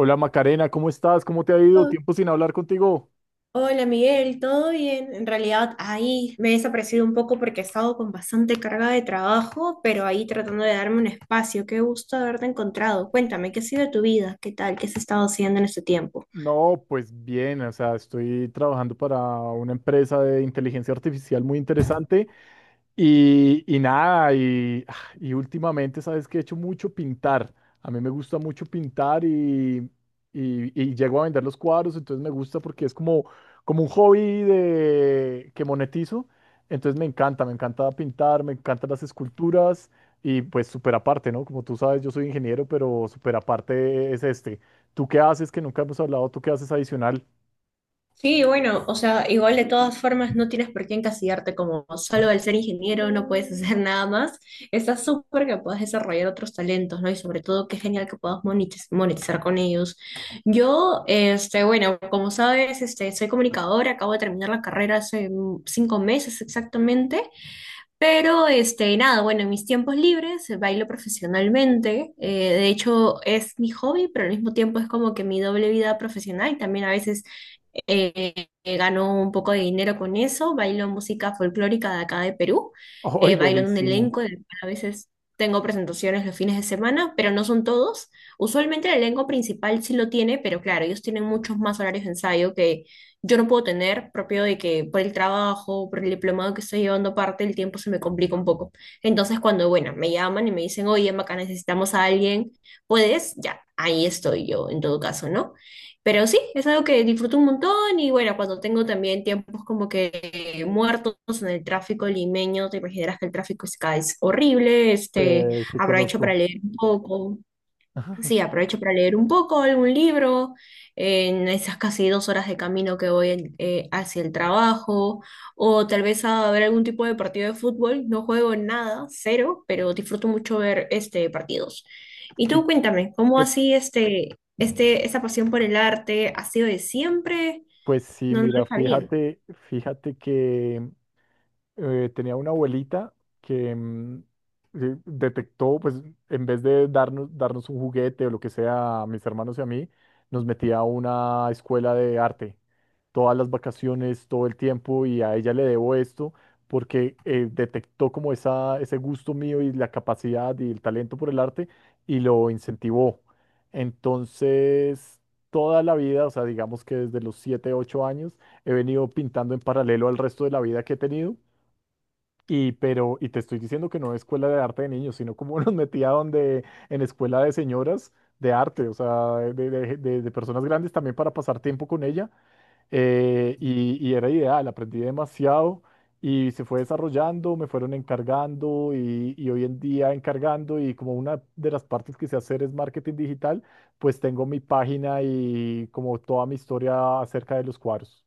Hola Macarena, ¿cómo estás? ¿Cómo te ha ido? Oh, Tiempo sin hablar contigo. hola Miguel, ¿todo bien? En realidad ahí me he desaparecido un poco porque he estado con bastante carga de trabajo, pero ahí tratando de darme un espacio. Qué gusto haberte encontrado. Cuéntame, ¿qué ha sido de tu vida? ¿Qué tal? ¿Qué has estado haciendo en este tiempo? No, pues bien, o sea, estoy trabajando para una empresa de inteligencia artificial muy interesante. Y nada, y últimamente, sabes que he hecho mucho pintar. A mí me gusta mucho pintar, y llego a vender los cuadros, entonces me gusta porque es como un hobby que monetizo. Entonces me encanta pintar, me encantan las esculturas y pues súper aparte, ¿no? Como tú sabes, yo soy ingeniero, pero súper aparte es este. ¿Tú qué haces que nunca hemos hablado? ¿Tú qué haces adicional? Sí, bueno, o sea, igual de todas formas no tienes por qué encasillarte. Como solo al ser ingeniero no puedes hacer nada más. Está súper que puedas desarrollar otros talentos, ¿no? Y sobre todo, qué genial que puedas monetizar con ellos. Yo, este, bueno, como sabes, este, soy comunicadora, acabo de terminar la carrera hace 5 meses exactamente, pero, este, nada, bueno, en mis tiempos libres bailo profesionalmente. De hecho, es mi hobby, pero al mismo tiempo es como que mi doble vida profesional. También a veces ganó un poco de dinero con eso, bailo música folclórica de acá de Perú, ¡Ay, bailo en un buenísimo! elenco, del cual a veces tengo presentaciones los fines de semana, pero no son todos. Usualmente el elenco principal sí lo tiene, pero claro, ellos tienen muchos más horarios de ensayo que yo no puedo tener, propio de que por el trabajo, por el diplomado que estoy llevando parte, el tiempo se me complica un poco. Entonces cuando, bueno, me llaman y me dicen, oye, Maca, necesitamos a alguien, ¿puedes? Ya, ahí estoy yo en todo caso, ¿no? Pero sí, es algo que disfruto un montón y bueno, cuando tengo también tiempos como que muertos en el tráfico limeño, te imaginarás que el tráfico es, acá es horrible, este, Sí, aprovecho para conozco. leer un poco. Sí, aprovecho para leer un poco algún libro en esas casi 2 horas de camino que voy hacia el trabajo, o tal vez a ver algún tipo de partido de fútbol. No juego en nada, cero, pero disfruto mucho ver este partidos. Y tú ¿Y cuéntame, ¿cómo qué así esa pasión por el arte ha sido de siempre? Pues sí, No, no lo mira, sabía. fíjate que tenía una abuelita que detectó, pues en vez de darnos un juguete o lo que sea a mis hermanos y a mí, nos metía a una escuela de arte todas las vacaciones, todo el tiempo, y a ella le debo esto porque detectó como ese gusto mío y la capacidad y el talento por el arte, y lo incentivó. Entonces, toda la vida, o sea, digamos que desde los 7 8 años, he venido pintando en paralelo al resto de la vida que he tenido, pero te estoy diciendo que no escuela de arte de niños, sino como nos metía donde, en escuela de señoras de arte, o sea, de personas grandes también para pasar tiempo con ella. Y era ideal, aprendí demasiado y se fue desarrollando, me fueron encargando, y hoy en día encargando. Y como una de las partes que sé hacer es marketing digital, pues tengo mi página y como toda mi historia acerca de los cuadros.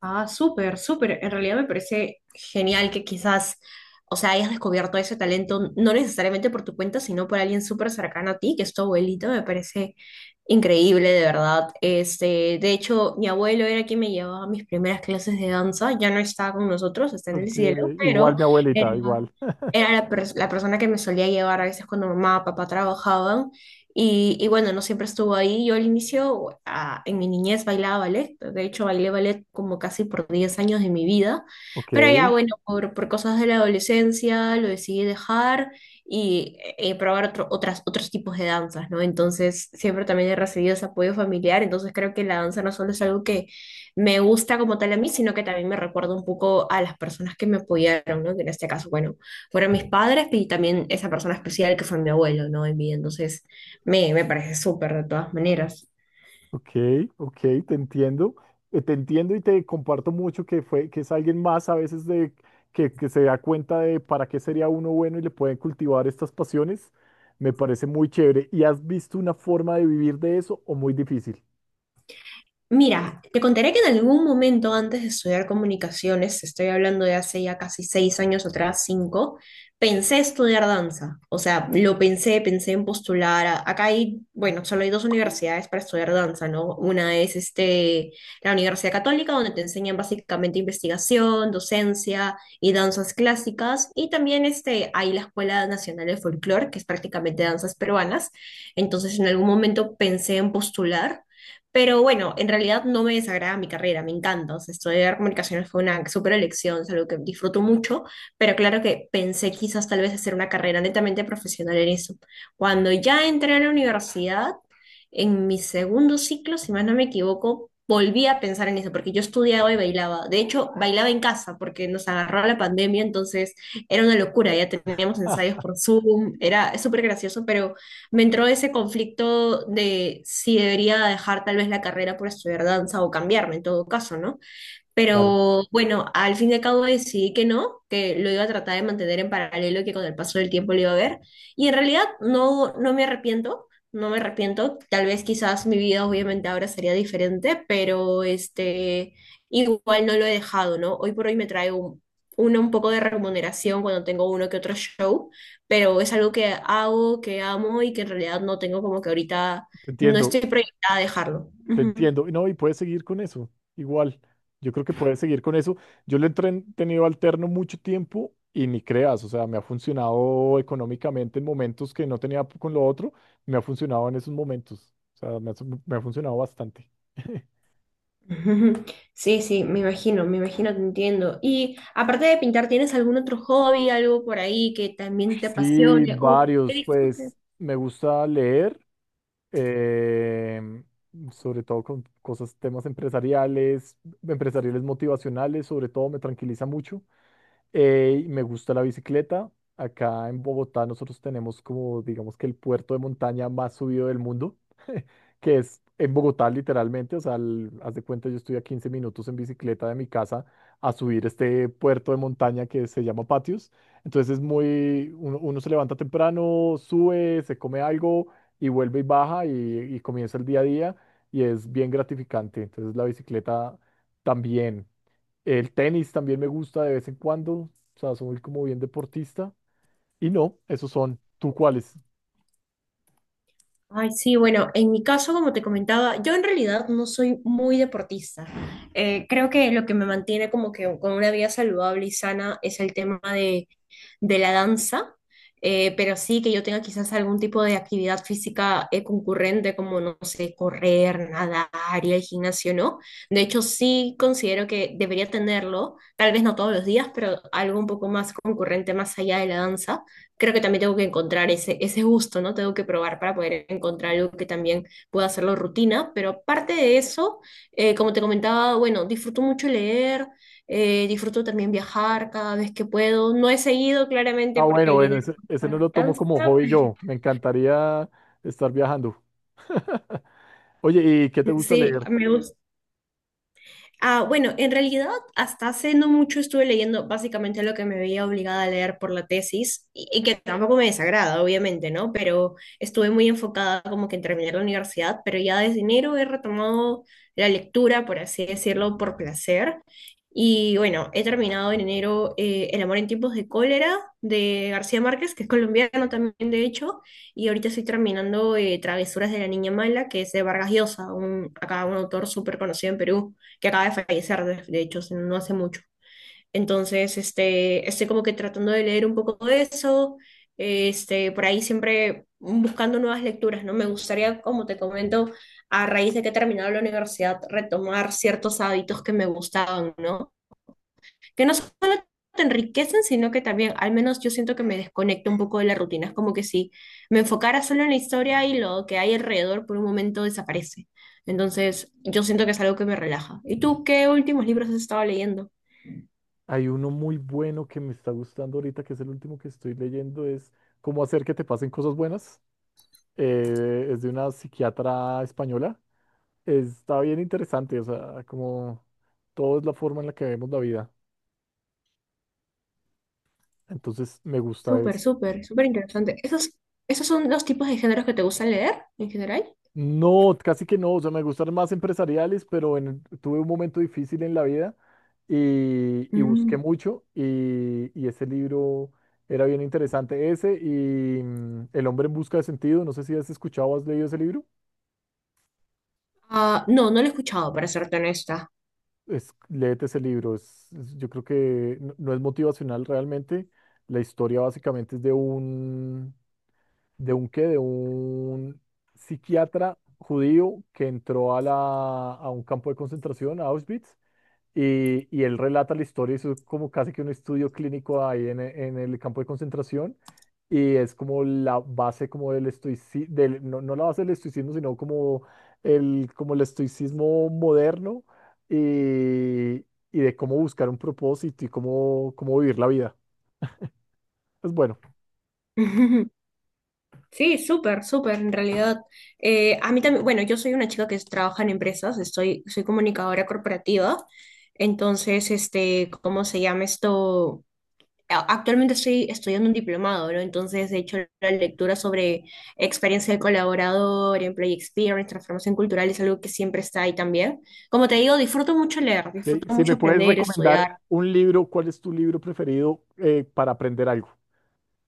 Ah, súper, súper. En realidad me parece genial que quizás, o sea, hayas descubierto ese talento, no necesariamente por tu cuenta, sino por alguien súper cercano a ti, que es tu abuelito. Me parece increíble, de verdad. Este, de hecho, mi abuelo era quien me llevaba a mis primeras clases de danza. Ya no está con nosotros, está en el Ok, cielo, pero igual mi eh, abuelita, igual. era la persona que me solía llevar a veces cuando mamá o papá trabajaban. Y bueno, no siempre estuvo ahí. Yo al inicio, ah, en mi niñez bailaba ballet. De hecho, bailé ballet como casi por 10 años de mi vida. Ok. Pero ya, bueno, por cosas de la adolescencia lo decidí dejar y probar otras, otros tipos de danzas, ¿no? Entonces, siempre también he recibido ese apoyo familiar. Entonces, creo que la danza no solo es algo que me gusta como tal a mí, sino que también me recuerda un poco a las personas que me apoyaron, ¿no? Que en este caso, bueno, fueron mis padres y también esa persona especial que fue mi abuelo, ¿no? En vida. Entonces, me parece súper de todas maneras. Ok, ok, te entiendo, te entiendo, y te comparto mucho que fue, que es alguien más a veces que se da cuenta de para qué sería uno bueno y le pueden cultivar estas pasiones. Me parece muy chévere. ¿Y has visto una forma de vivir de eso, o muy difícil? Mira, te contaré que en algún momento antes de estudiar comunicaciones, estoy hablando de hace ya casi 6 años atrás, cinco, pensé estudiar danza. O sea, lo pensé, pensé en postular. Acá hay, bueno, solo hay 2 universidades para estudiar danza, ¿no? Una es este, la Universidad Católica, donde te enseñan básicamente investigación, docencia y danzas clásicas. Y también este, hay la Escuela Nacional de Folclore, que es prácticamente danzas peruanas. Entonces, en algún momento pensé en postular. Pero bueno, en realidad no me desagrada mi carrera, me encanta. O sea, estudiar comunicaciones fue una súper elección, es algo que disfruto mucho, pero claro que pensé quizás tal vez hacer una carrera netamente profesional en eso. Cuando ya entré a la universidad, en mi segundo ciclo, si más no me equivoco, volví a pensar en eso, porque yo estudiaba y bailaba. De hecho, bailaba en casa, porque nos agarró la pandemia, entonces era una locura, ya teníamos ensayos Ah, por Zoom, era súper gracioso, pero me entró ese conflicto de si debería dejar tal vez la carrera por estudiar danza o cambiarme en todo caso, ¿no? claro. Pero bueno, al fin y al cabo decidí que no, que lo iba a tratar de mantener en paralelo y que con el paso del tiempo lo iba a ver. Y en realidad no, no me arrepiento, no me arrepiento. Tal vez quizás mi vida obviamente ahora sería diferente, pero este, igual no lo he dejado, ¿no? Hoy por hoy me trae una un poco de remuneración cuando tengo uno que otro show, pero es algo que hago, que amo y que en realidad no tengo como que ahorita, Te no estoy entiendo. proyectada a dejarlo. Te Ujú. entiendo. Y, no, y puedes seguir con eso. Igual, yo creo que puedes seguir con eso. Yo lo he tenido alterno mucho tiempo, y ni creas, o sea, me ha funcionado económicamente en momentos que no tenía con lo otro, me ha funcionado en esos momentos. O sea, me ha funcionado bastante. Ujú. Sí, sí, me imagino, te entiendo. Y aparte de pintar, ¿tienes algún otro hobby, algo por ahí que también te Sí, apasione o que varios, disfrutes? pues me gusta leer, em, sobre todo con cosas, temas empresariales, empresariales motivacionales, sobre todo me tranquiliza mucho. Me gusta la bicicleta. Acá en Bogotá nosotros tenemos como, digamos, que el puerto de montaña más subido del mundo, que es en Bogotá literalmente. O sea, al- haz de cuenta, yo estoy a 15 minutos en bicicleta de mi casa a subir este puerto de montaña que se llama Patios. Entonces es muy, uno se levanta temprano, sube, se come algo y vuelve y baja, y comienza el día a día, y es bien gratificante. Entonces la bicicleta también. El tenis también me gusta de vez en cuando, o sea, soy como bien deportista. Y no, esos son. ¿Tú cuáles? Ay, sí, bueno, en mi caso, como te comentaba, yo en realidad no soy muy deportista. Creo que lo que me mantiene como que con una vida saludable y sana es el tema de la danza. Pero sí que yo tenga quizás algún tipo de actividad física concurrente, como, no sé, correr, nadar, ir al gimnasio, ¿no? De hecho, sí considero que debería tenerlo, tal vez no todos los días, pero algo un poco más concurrente más allá de la danza. Creo que también tengo que encontrar ese gusto, ¿no? Tengo que probar para poder encontrar algo que también pueda hacerlo rutina, pero aparte de eso, como te comentaba, bueno, disfruto mucho leer, disfruto también viajar cada vez que puedo, no he seguido Ah, claramente porque bueno, el bueno, dinero ese, no ese no lo tomo alcanza, como hobby yo. Me encantaría estar viajando. Oye, ¿y qué te gusta sí, leer? me gusta. Ah, bueno, en realidad hasta hace no mucho estuve leyendo básicamente lo que me veía obligada a leer por la tesis y que tampoco me desagrada, obviamente, ¿no? Pero estuve muy enfocada como que en terminar la universidad, pero ya desde enero he retomado la lectura, por así decirlo, por placer. Y bueno, he terminado en enero El amor en tiempos de cólera de García Márquez, que es colombiano también, de hecho, y ahorita estoy terminando Travesuras de la Niña Mala, que es de Vargas Llosa, un, acá un autor súper conocido en Perú que acaba de fallecer, de hecho, no hace mucho. Entonces, este, estoy como que tratando de leer un poco de eso, este, por ahí siempre buscando nuevas lecturas, ¿no? Me gustaría, como te comento, a raíz de que he terminado la universidad, retomar ciertos hábitos que me gustaban, ¿no? Que no solo te enriquecen, sino que también, al menos yo siento que me desconecto un poco de la rutina. Es como que si me enfocara solo en la historia y lo que hay alrededor por un momento desaparece. Entonces, yo siento que es algo que me relaja. ¿Y tú qué últimos libros has estado leyendo? Hay uno muy bueno que me está gustando ahorita, que es el último que estoy leyendo, es Cómo hacer que te pasen cosas buenas. Es de una psiquiatra española. Está bien interesante, o sea, como todo es la forma en la que vemos la vida. Entonces me gusta Súper, eso. súper, súper interesante. ¿Esos, esos son los tipos de géneros que te gustan leer en general? No, casi que no, o sea, me gustan más empresariales, pero tuve un momento difícil en la vida, y busqué Mm. mucho, y ese libro era bien interesante. Ese y El hombre en busca de sentido, no sé si has escuchado o has leído ese libro. Ah, no, no lo he escuchado, para serte honesta. Es, léete ese libro, yo creo que no, no es motivacional realmente. La historia básicamente es de un psiquiatra judío que entró a un campo de concentración, a Auschwitz. Y y él relata la historia, eso es como casi que un estudio clínico ahí en el campo de concentración, y es como la base como del estoicismo, no, no la base del estoicismo, sino como el estoicismo moderno, y, y de cómo buscar un propósito, y cómo vivir la vida. Pues bueno, Sí, súper, súper, en realidad. A mí también, bueno, yo soy una chica que trabaja en empresas, estoy, soy comunicadora corporativa, entonces, este, ¿cómo se llama esto? Actualmente estoy estudiando un diplomado, ¿no? Entonces, de hecho la lectura sobre experiencia del colaborador, employee experience, transformación cultural, es algo que siempre está ahí también. Como te digo, disfruto mucho leer, ok, disfruto si mucho me puedes aprender, estudiar. recomendar un libro, ¿cuál es tu libro preferido para aprender algo?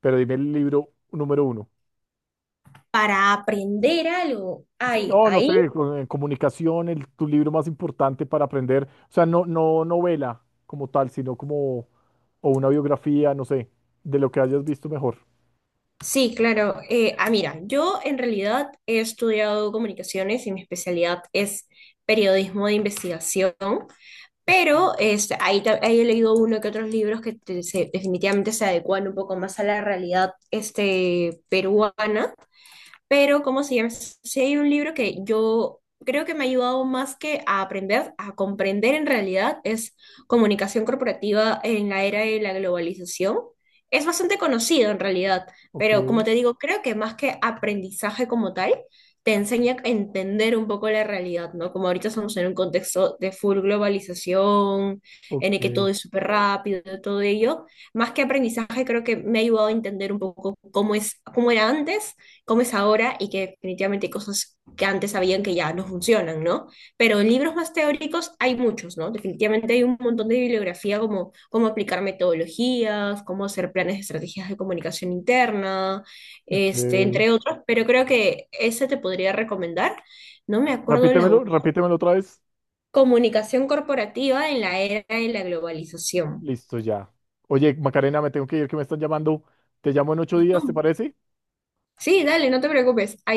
Pero dime el libro número uno. Para aprender algo, Sí, hay no, no ahí. sé, en comunicación, tu libro más importante para aprender, o sea, no, no novela como tal, sino o una biografía, no sé, de lo que hayas visto mejor. Sí, claro. Ah, mira, yo en realidad he estudiado comunicaciones y mi especialidad es periodismo de investigación, Ok, pero este, ahí he leído uno que otros libros que definitivamente se adecuan un poco más a la realidad este, peruana, pero ¿cómo se llama? Sí, hay un libro que yo creo que me ha ayudado más que a aprender, a comprender en realidad, es Comunicación Corporativa en la Era de la Globalización. Es bastante conocido en realidad, ok, pero como te digo, creo que más que aprendizaje como tal, te enseña a entender un poco la realidad, ¿no? Como ahorita estamos en un contexto de full globalización, en el que ok. todo es súper rápido, todo ello, más que aprendizaje, creo que me ha ayudado a entender un poco cómo es, cómo era antes, cómo es ahora y que definitivamente hay cosas que antes sabían que ya no funcionan, ¿no? Pero en libros más teóricos hay muchos, ¿no? Definitivamente hay un montón de bibliografía como cómo aplicar metodologías, cómo hacer planes de estrategias de comunicación interna, este, Ok. entre otros, pero creo que ese te podría recomendar. No me acuerdo el Repítemelo, autor. repítemelo otra vez. Comunicación corporativa en la era de la globalización. Listo, ya. Oye, Macarena, me tengo que ir, que me están llamando. Te llamo en 8 días, ¿te No. parece? Sí, dale, no te preocupes. Ahí